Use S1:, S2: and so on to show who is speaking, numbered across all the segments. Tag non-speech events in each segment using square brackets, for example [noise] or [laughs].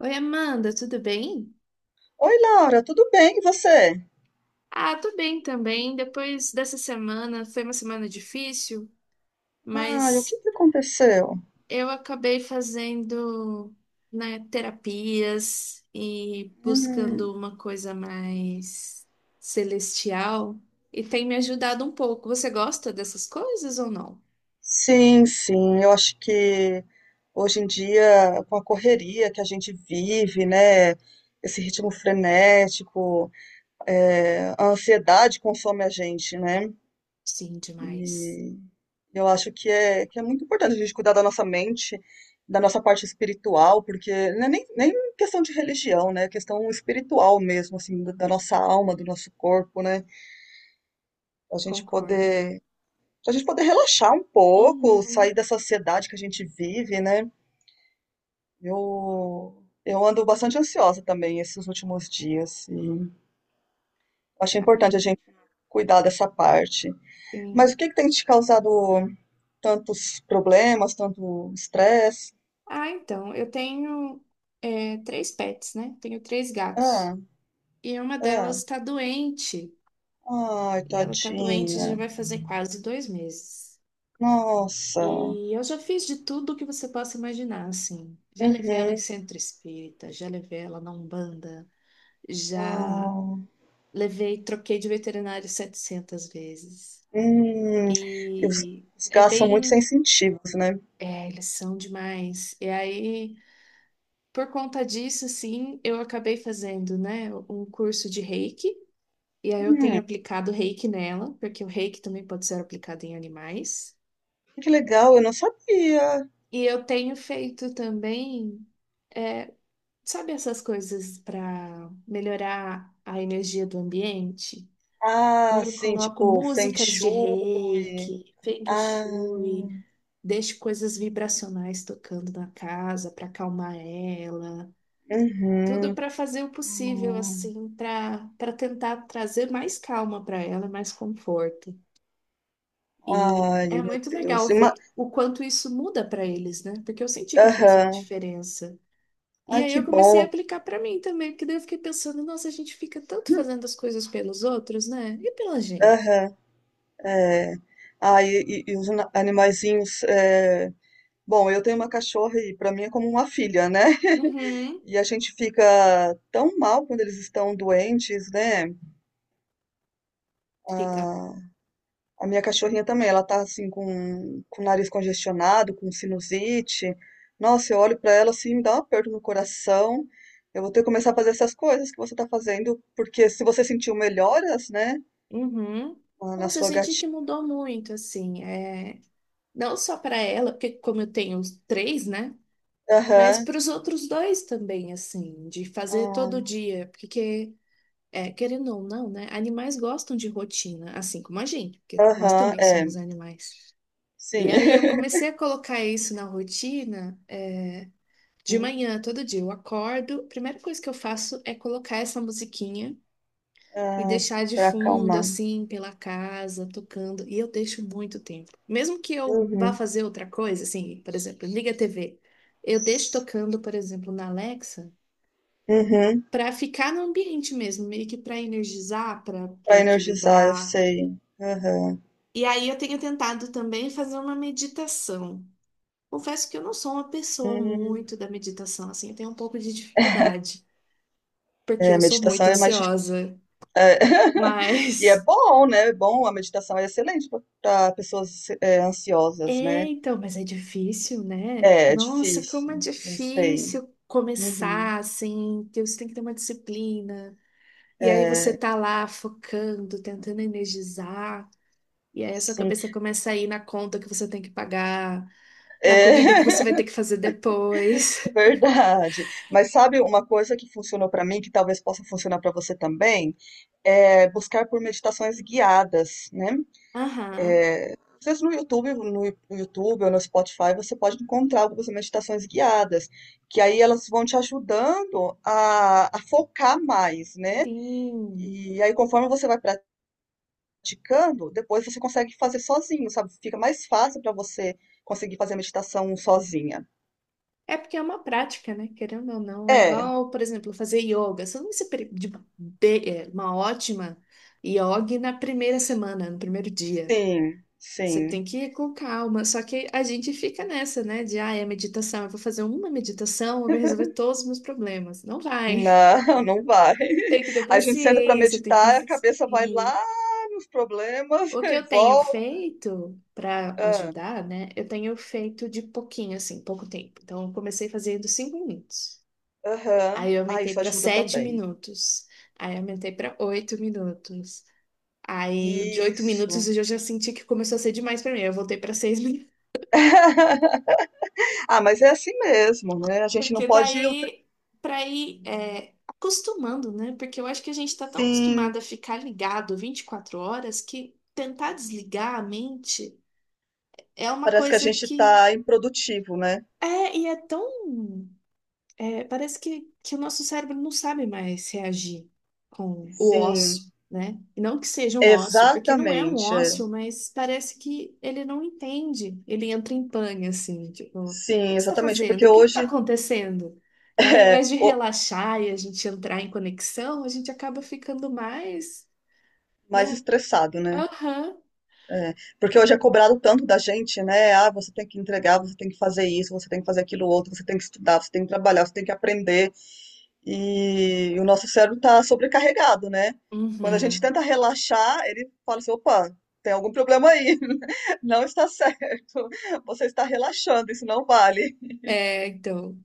S1: Oi, Amanda, tudo bem?
S2: Oi, Laura, tudo bem? E você?
S1: Ah, tô bem também. Depois dessa semana, foi uma semana difícil,
S2: Ah, o
S1: mas
S2: que que aconteceu?
S1: eu acabei fazendo, né, terapias e
S2: Hum,
S1: buscando uma coisa mais celestial e tem me ajudado um pouco. Você gosta dessas coisas ou não?
S2: sim, sim, eu acho que hoje em dia, com a correria que a gente vive, né? Esse ritmo frenético, é, a ansiedade consome a gente, né?
S1: Sim, demais.
S2: E eu acho que é muito importante a gente cuidar da nossa mente, da nossa parte espiritual, porque não é nem questão de religião, né? É questão espiritual mesmo, assim, da nossa alma, do nosso corpo, né? Pra gente
S1: Concordo.
S2: poder, pra gente poder relaxar um pouco, sair
S1: Uhum.
S2: da sociedade que a gente vive, né? Eu ando bastante ansiosa também esses últimos dias. E achei importante a gente cuidar dessa parte. Mas
S1: Sim.
S2: o que que tem te causado tantos problemas, tanto estresse?
S1: Ah, então, eu tenho três pets, né? Tenho três gatos.
S2: Ah,
S1: E uma delas
S2: ah,
S1: está doente.
S2: ai,
S1: E ela está doente já
S2: tadinha.
S1: vai fazer quase 2 meses.
S2: Nossa.
S1: E eu já fiz de tudo que você possa imaginar, assim. Já levei ela em
S2: Uhum.
S1: centro espírita, já levei ela na Umbanda, já
S2: Ah,
S1: levei, troquei de veterinário 700 vezes.
S2: hum. E os,
S1: E
S2: os
S1: é
S2: gás são muito
S1: bem.
S2: sensitivos, né?
S1: É, eles são demais. E aí, por conta disso, assim, eu acabei fazendo, né, um curso de Reiki. E aí eu tenho
S2: Hum,
S1: aplicado reiki nela, porque o reiki também pode ser aplicado em animais.
S2: Que legal, eu não sabia.
S1: E eu tenho feito também, é, sabe essas coisas para melhorar a energia do ambiente? Então
S2: Ah,
S1: eu
S2: sim,
S1: coloco
S2: tipo Feng
S1: músicas de
S2: Shui.
S1: reiki, feng
S2: Ah,
S1: shui, deixo coisas vibracionais tocando na casa para acalmar ela. Tudo
S2: uhum.
S1: para fazer o possível,
S2: Hum.
S1: assim, para tentar trazer mais calma para ela, mais conforto. E
S2: Ai,
S1: é
S2: meu
S1: muito
S2: Deus.
S1: legal ver o quanto isso muda para eles, né? Porque eu senti que fez uma
S2: Aham.
S1: diferença. E
S2: Ai,
S1: aí
S2: que
S1: eu comecei a
S2: bom.
S1: aplicar para mim também, porque daí eu fiquei pensando, nossa, a gente fica tanto fazendo as coisas pelos outros, né? E pela gente.
S2: Aham, é. Ah, e os animaizinhos. Bom, eu tenho uma cachorra e para mim é como uma filha, né? [laughs]
S1: Uhum.
S2: E a gente fica tão mal quando eles estão doentes, né?
S1: Fica.
S2: Ah, a minha cachorrinha também, ela tá assim com o nariz congestionado, com sinusite. Nossa, eu olho pra ela assim, me dá um aperto no coração. Eu vou ter que começar a fazer essas coisas que você tá fazendo, porque se você sentiu melhoras, né,
S1: Uhum.
S2: na na
S1: Nossa, eu
S2: sua
S1: senti que
S2: gatinha.
S1: mudou muito, assim, é... não só para ela, porque como eu tenho os três, né? Mas
S2: Aham,
S1: para os outros dois também, assim, de fazer todo
S2: ah,
S1: dia, porque querendo ou não, né? Animais gostam de rotina, assim como a gente, porque nós
S2: aham,
S1: também
S2: é,
S1: somos animais.
S2: sim.
S1: E aí eu comecei a colocar isso na rotina, de
S2: [laughs]
S1: manhã, todo dia. Eu acordo, a primeira coisa que eu faço é colocar essa musiquinha e
S2: Ah,
S1: deixar de
S2: pra
S1: fundo,
S2: acalmar.
S1: assim, pela casa, tocando. E eu deixo muito tempo. Mesmo que eu vá
S2: Uhum,
S1: fazer outra coisa, assim, por exemplo, liga a TV. Eu deixo tocando, por exemplo, na Alexa
S2: uhum.
S1: para ficar no ambiente mesmo, meio que para energizar, para
S2: Pra energizar, eu
S1: equilibrar.
S2: sei. Aham.
S1: E aí eu tenho tentado também fazer uma meditação. Confesso que eu não sou uma pessoa
S2: Hum.
S1: muito da meditação, assim, eu tenho um pouco de dificuldade,
S2: É,
S1: porque
S2: a
S1: eu sou
S2: meditação
S1: muito
S2: é mais.
S1: ansiosa.
S2: É, [laughs] e é
S1: Mas
S2: bom, né? É bom, a meditação é excelente para pessoas é,
S1: [laughs]
S2: ansiosas, né?
S1: então, mas é difícil, né?
S2: É, é
S1: Nossa, como é
S2: difícil, eu sei.
S1: difícil
S2: Uhum.
S1: começar assim, que você tem que ter uma disciplina. E aí você
S2: É,
S1: tá lá focando, tentando energizar. E aí a sua
S2: sim,
S1: cabeça começa a ir na conta que você tem que pagar, na
S2: é,
S1: comida que você vai
S2: [laughs]
S1: ter que fazer depois.
S2: verdade. Mas sabe uma coisa que funcionou para mim, que talvez possa funcionar para você também, é buscar por meditações guiadas, né?
S1: [laughs] Aham,
S2: Às vezes no YouTube, no YouTube ou no Spotify, você pode encontrar algumas meditações guiadas, que aí elas vão te ajudando a focar mais, né?
S1: sim.
S2: E aí, conforme você vai praticando, depois você consegue fazer sozinho, sabe? Fica mais fácil para você conseguir fazer a meditação sozinha.
S1: É porque é uma prática, né? Querendo ou não. É
S2: É,
S1: igual, por exemplo, fazer yoga. Você não vai ser uma ótima yoga na primeira semana, no primeiro dia.
S2: sim,
S1: Você
S2: sim.
S1: tem que ir com calma. Só que a gente fica nessa, né? De, ah, é meditação. Eu vou fazer uma meditação, eu vou resolver todos os meus problemas. Não vai.
S2: Não, [laughs] não vai.
S1: [laughs] Tem que ter
S2: A gente senta para
S1: paciência, tem que
S2: meditar, a cabeça vai
S1: insistir.
S2: lá nos problemas [laughs]
S1: O que
S2: e
S1: eu tenho
S2: volta.
S1: feito para
S2: Ah,
S1: ajudar, né? Eu tenho feito de pouquinho, assim, pouco tempo. Então, eu comecei fazendo 5 minutos. Aí,
S2: aham.
S1: eu
S2: Ah,
S1: aumentei
S2: isso
S1: para
S2: ajuda
S1: sete
S2: também.
S1: minutos. Aí, eu aumentei para 8 minutos. Aí, o de 8 minutos
S2: Isso.
S1: eu já senti que começou a ser demais para mim. Eu voltei para 6 minutos.
S2: [laughs] Ah, mas é assim mesmo, né? A
S1: [laughs]
S2: gente não
S1: Porque
S2: pode.
S1: daí, para ir acostumando, né? Porque eu acho que a gente está tão acostumado
S2: Sim,
S1: a ficar ligado 24 horas que tentar desligar a mente é uma
S2: parece que a
S1: coisa
S2: gente
S1: que
S2: tá improdutivo, né?
S1: É, e é tão. Parece que o nosso cérebro não sabe mais reagir com o ócio,
S2: Sim.
S1: né? E não que seja um ócio, porque não é um
S2: Exatamente, é.
S1: ócio, mas parece que ele não entende. Ele entra em pane, assim, tipo, o que você
S2: Sim,
S1: está
S2: exatamente,
S1: fazendo?
S2: porque
S1: O que está
S2: hoje
S1: acontecendo? E aí, ao
S2: [laughs] é
S1: invés de
S2: o
S1: relaxar e a gente entrar em conexão, a gente acaba ficando mais,
S2: mais
S1: né?
S2: estressado, né?
S1: Aham.
S2: É, porque hoje é cobrado tanto da gente, né? Ah, você tem que entregar, você tem que fazer isso, você tem que fazer aquilo outro, você tem que estudar, você tem que trabalhar, você tem que aprender. E o nosso cérebro está sobrecarregado, né? Quando a gente
S1: Uhum.
S2: tenta relaxar, ele fala assim: opa, tem algum problema aí, [laughs] não está certo, você está relaxando, isso não vale.
S1: É, então.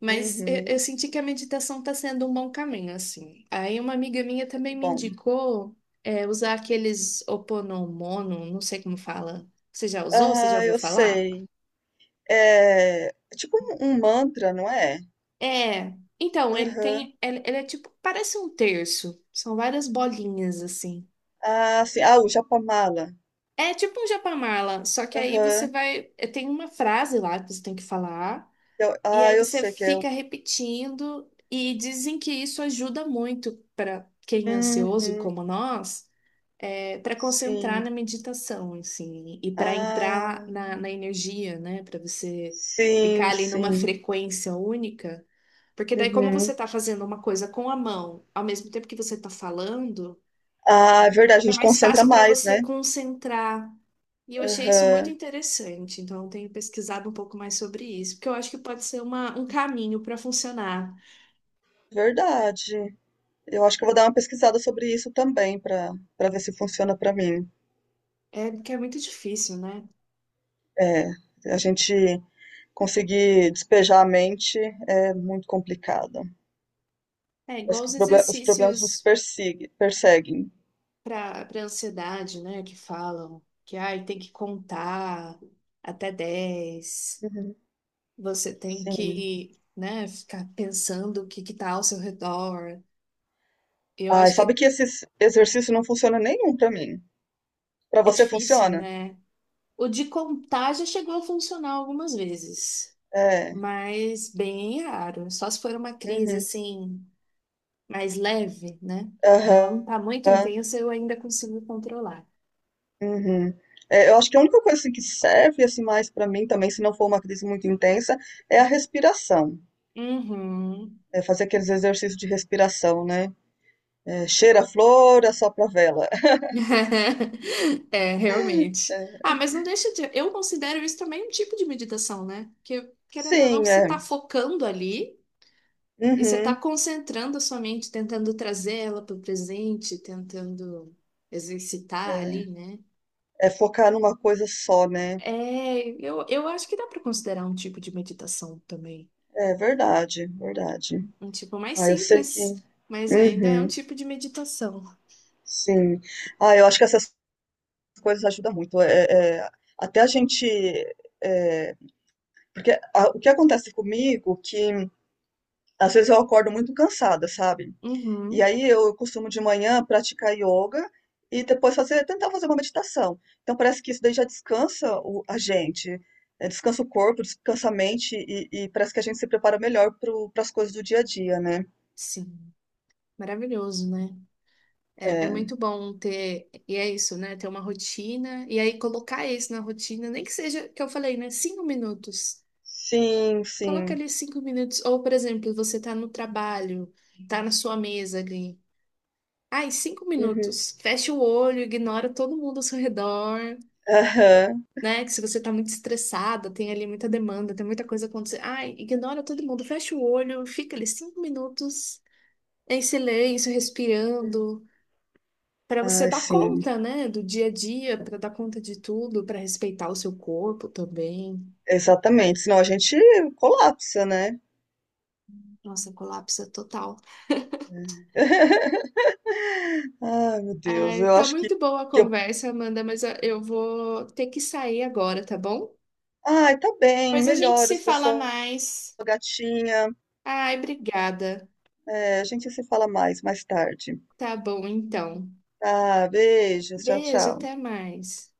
S1: Mas eu,
S2: Uhum,
S1: eu senti que a meditação está sendo um bom caminho, assim. Aí uma amiga minha
S2: que
S1: também me
S2: bom.
S1: indicou usar aqueles Oponomono, não sei como fala. Você já usou? Você já
S2: Ah,
S1: ouviu
S2: eu
S1: falar?
S2: sei. É, é tipo um mantra, não é?
S1: É. Então, ele
S2: Aham.
S1: tem. Ele é tipo. Parece um terço. São várias bolinhas, assim.
S2: Ah, sim. Ah, o Japamala.
S1: É tipo um Japamala, só que aí você
S2: Aham.
S1: vai. Tem uma frase lá que você tem que falar,
S2: Eu-
S1: e
S2: ah,
S1: aí
S2: eu
S1: você
S2: sei que é o.
S1: fica repetindo, e dizem que isso ajuda muito para quem é ansioso,
S2: Uhum.
S1: como nós para concentrar
S2: Sim.
S1: na meditação, assim, e para entrar
S2: Ah,
S1: na energia, né? Para você ficar
S2: sim,
S1: ali numa
S2: sim.
S1: frequência única. Porque daí, como você
S2: Uhum.
S1: está fazendo uma coisa com a mão, ao mesmo tempo que você está falando,
S2: Ah, é verdade, a
S1: fica
S2: gente
S1: mais
S2: concentra
S1: fácil para
S2: mais,
S1: você
S2: né?
S1: concentrar. E eu achei isso
S2: Aham.
S1: muito interessante, então eu tenho pesquisado um pouco mais sobre isso, porque eu acho que pode ser um caminho para funcionar.
S2: Verdade. Eu acho que eu vou dar uma pesquisada sobre isso também, para ver se funciona para mim.
S1: É, porque é muito difícil, né?
S2: É, a gente conseguir despejar a mente é muito complicado.
S1: É
S2: Parece
S1: igual
S2: que
S1: os
S2: os problemas nos
S1: exercícios.
S2: perseguem.
S1: Para ansiedade, né? Que falam que ai, tem que contar até 10,
S2: Uhum.
S1: você tem
S2: Sim.
S1: que, né, ficar pensando o que que tá ao seu redor. Eu
S2: Ai,
S1: acho
S2: sabe
S1: que
S2: que esse exercício não funciona nenhum pra mim. Pra
S1: é
S2: você
S1: difícil,
S2: funciona?
S1: né? O de contar já chegou a funcionar algumas vezes,
S2: É.
S1: mas bem raro. Só se for uma crise
S2: Uhum.
S1: assim mais leve, né? Quando ela não tá muito
S2: Aham.
S1: intensa, eu ainda consigo controlar.
S2: Uhum. É, eu acho que a única coisa assim, que serve assim mais pra mim também, se não for uma crise muito intensa, é a respiração.
S1: Uhum.
S2: É fazer aqueles exercícios de respiração, né? É, cheira a flor, assopra a vela. [laughs]
S1: [laughs] É, realmente. Ah,
S2: É,
S1: mas não deixa de. Eu considero isso também um tipo de meditação, né? Porque, querendo ou não,
S2: sim,
S1: você
S2: é.
S1: está focando ali e você está
S2: Uhum.
S1: concentrando a sua mente, tentando trazer ela para o presente, tentando exercitar ali, né?
S2: É focar numa coisa só, né?
S1: É, eu acho que dá para considerar um tipo de meditação também.
S2: É verdade, verdade.
S1: Um tipo mais
S2: Ah, eu sei que.
S1: simples, mas ainda é um
S2: Uhum,
S1: tipo de meditação.
S2: sim. Ah, eu acho que essas coisas ajudam muito. É, é, até a gente. É, porque o que acontece comigo, é que às vezes eu acordo muito cansada, sabe? E
S1: Uhum,
S2: aí eu costumo de manhã praticar yoga e depois fazer, tentar fazer uma meditação. Então parece que isso daí já descansa a gente, é, descansa o corpo, descansa a mente e parece que a gente se prepara melhor para as coisas do dia a dia, né?
S1: sim, maravilhoso, né? É, é
S2: É.
S1: muito bom ter, e é isso, né? Ter uma rotina, e aí colocar isso na rotina, nem que seja, que eu falei, né? 5 minutos.
S2: Sim,
S1: Coloca
S2: sim.
S1: ali 5 minutos. Ou, por exemplo, você tá no trabalho, tá na sua mesa ali. Ai, cinco
S2: Uhum.
S1: minutos. Fecha o olho, ignora todo mundo ao seu redor,
S2: Aham.
S1: né? Que se você tá muito estressada, tem ali muita demanda, tem muita coisa acontecendo. Ai, ignora todo mundo, fecha o olho, fica ali 5 minutos em silêncio, respirando. Para você
S2: Ai,
S1: dar
S2: sim,
S1: conta, né, do dia a dia, para dar conta de tudo, para respeitar o seu corpo também.
S2: exatamente. Senão a gente colapsa, né?
S1: Nossa, colapsa total.
S2: [laughs] Ai, meu Deus,
S1: Ah,
S2: eu
S1: tá
S2: acho
S1: muito boa a
S2: que eu.
S1: conversa, Amanda, mas eu vou ter que sair agora, tá bom?
S2: Ai, tá bem,
S1: Pois a gente se
S2: melhoras pra
S1: fala
S2: sua
S1: mais.
S2: gatinha.
S1: Ai, obrigada.
S2: É, a gente se fala mais, mais tarde.
S1: Tá bom, então.
S2: Tá, beijos, tchau,
S1: Beijo,
S2: tchau.
S1: até mais.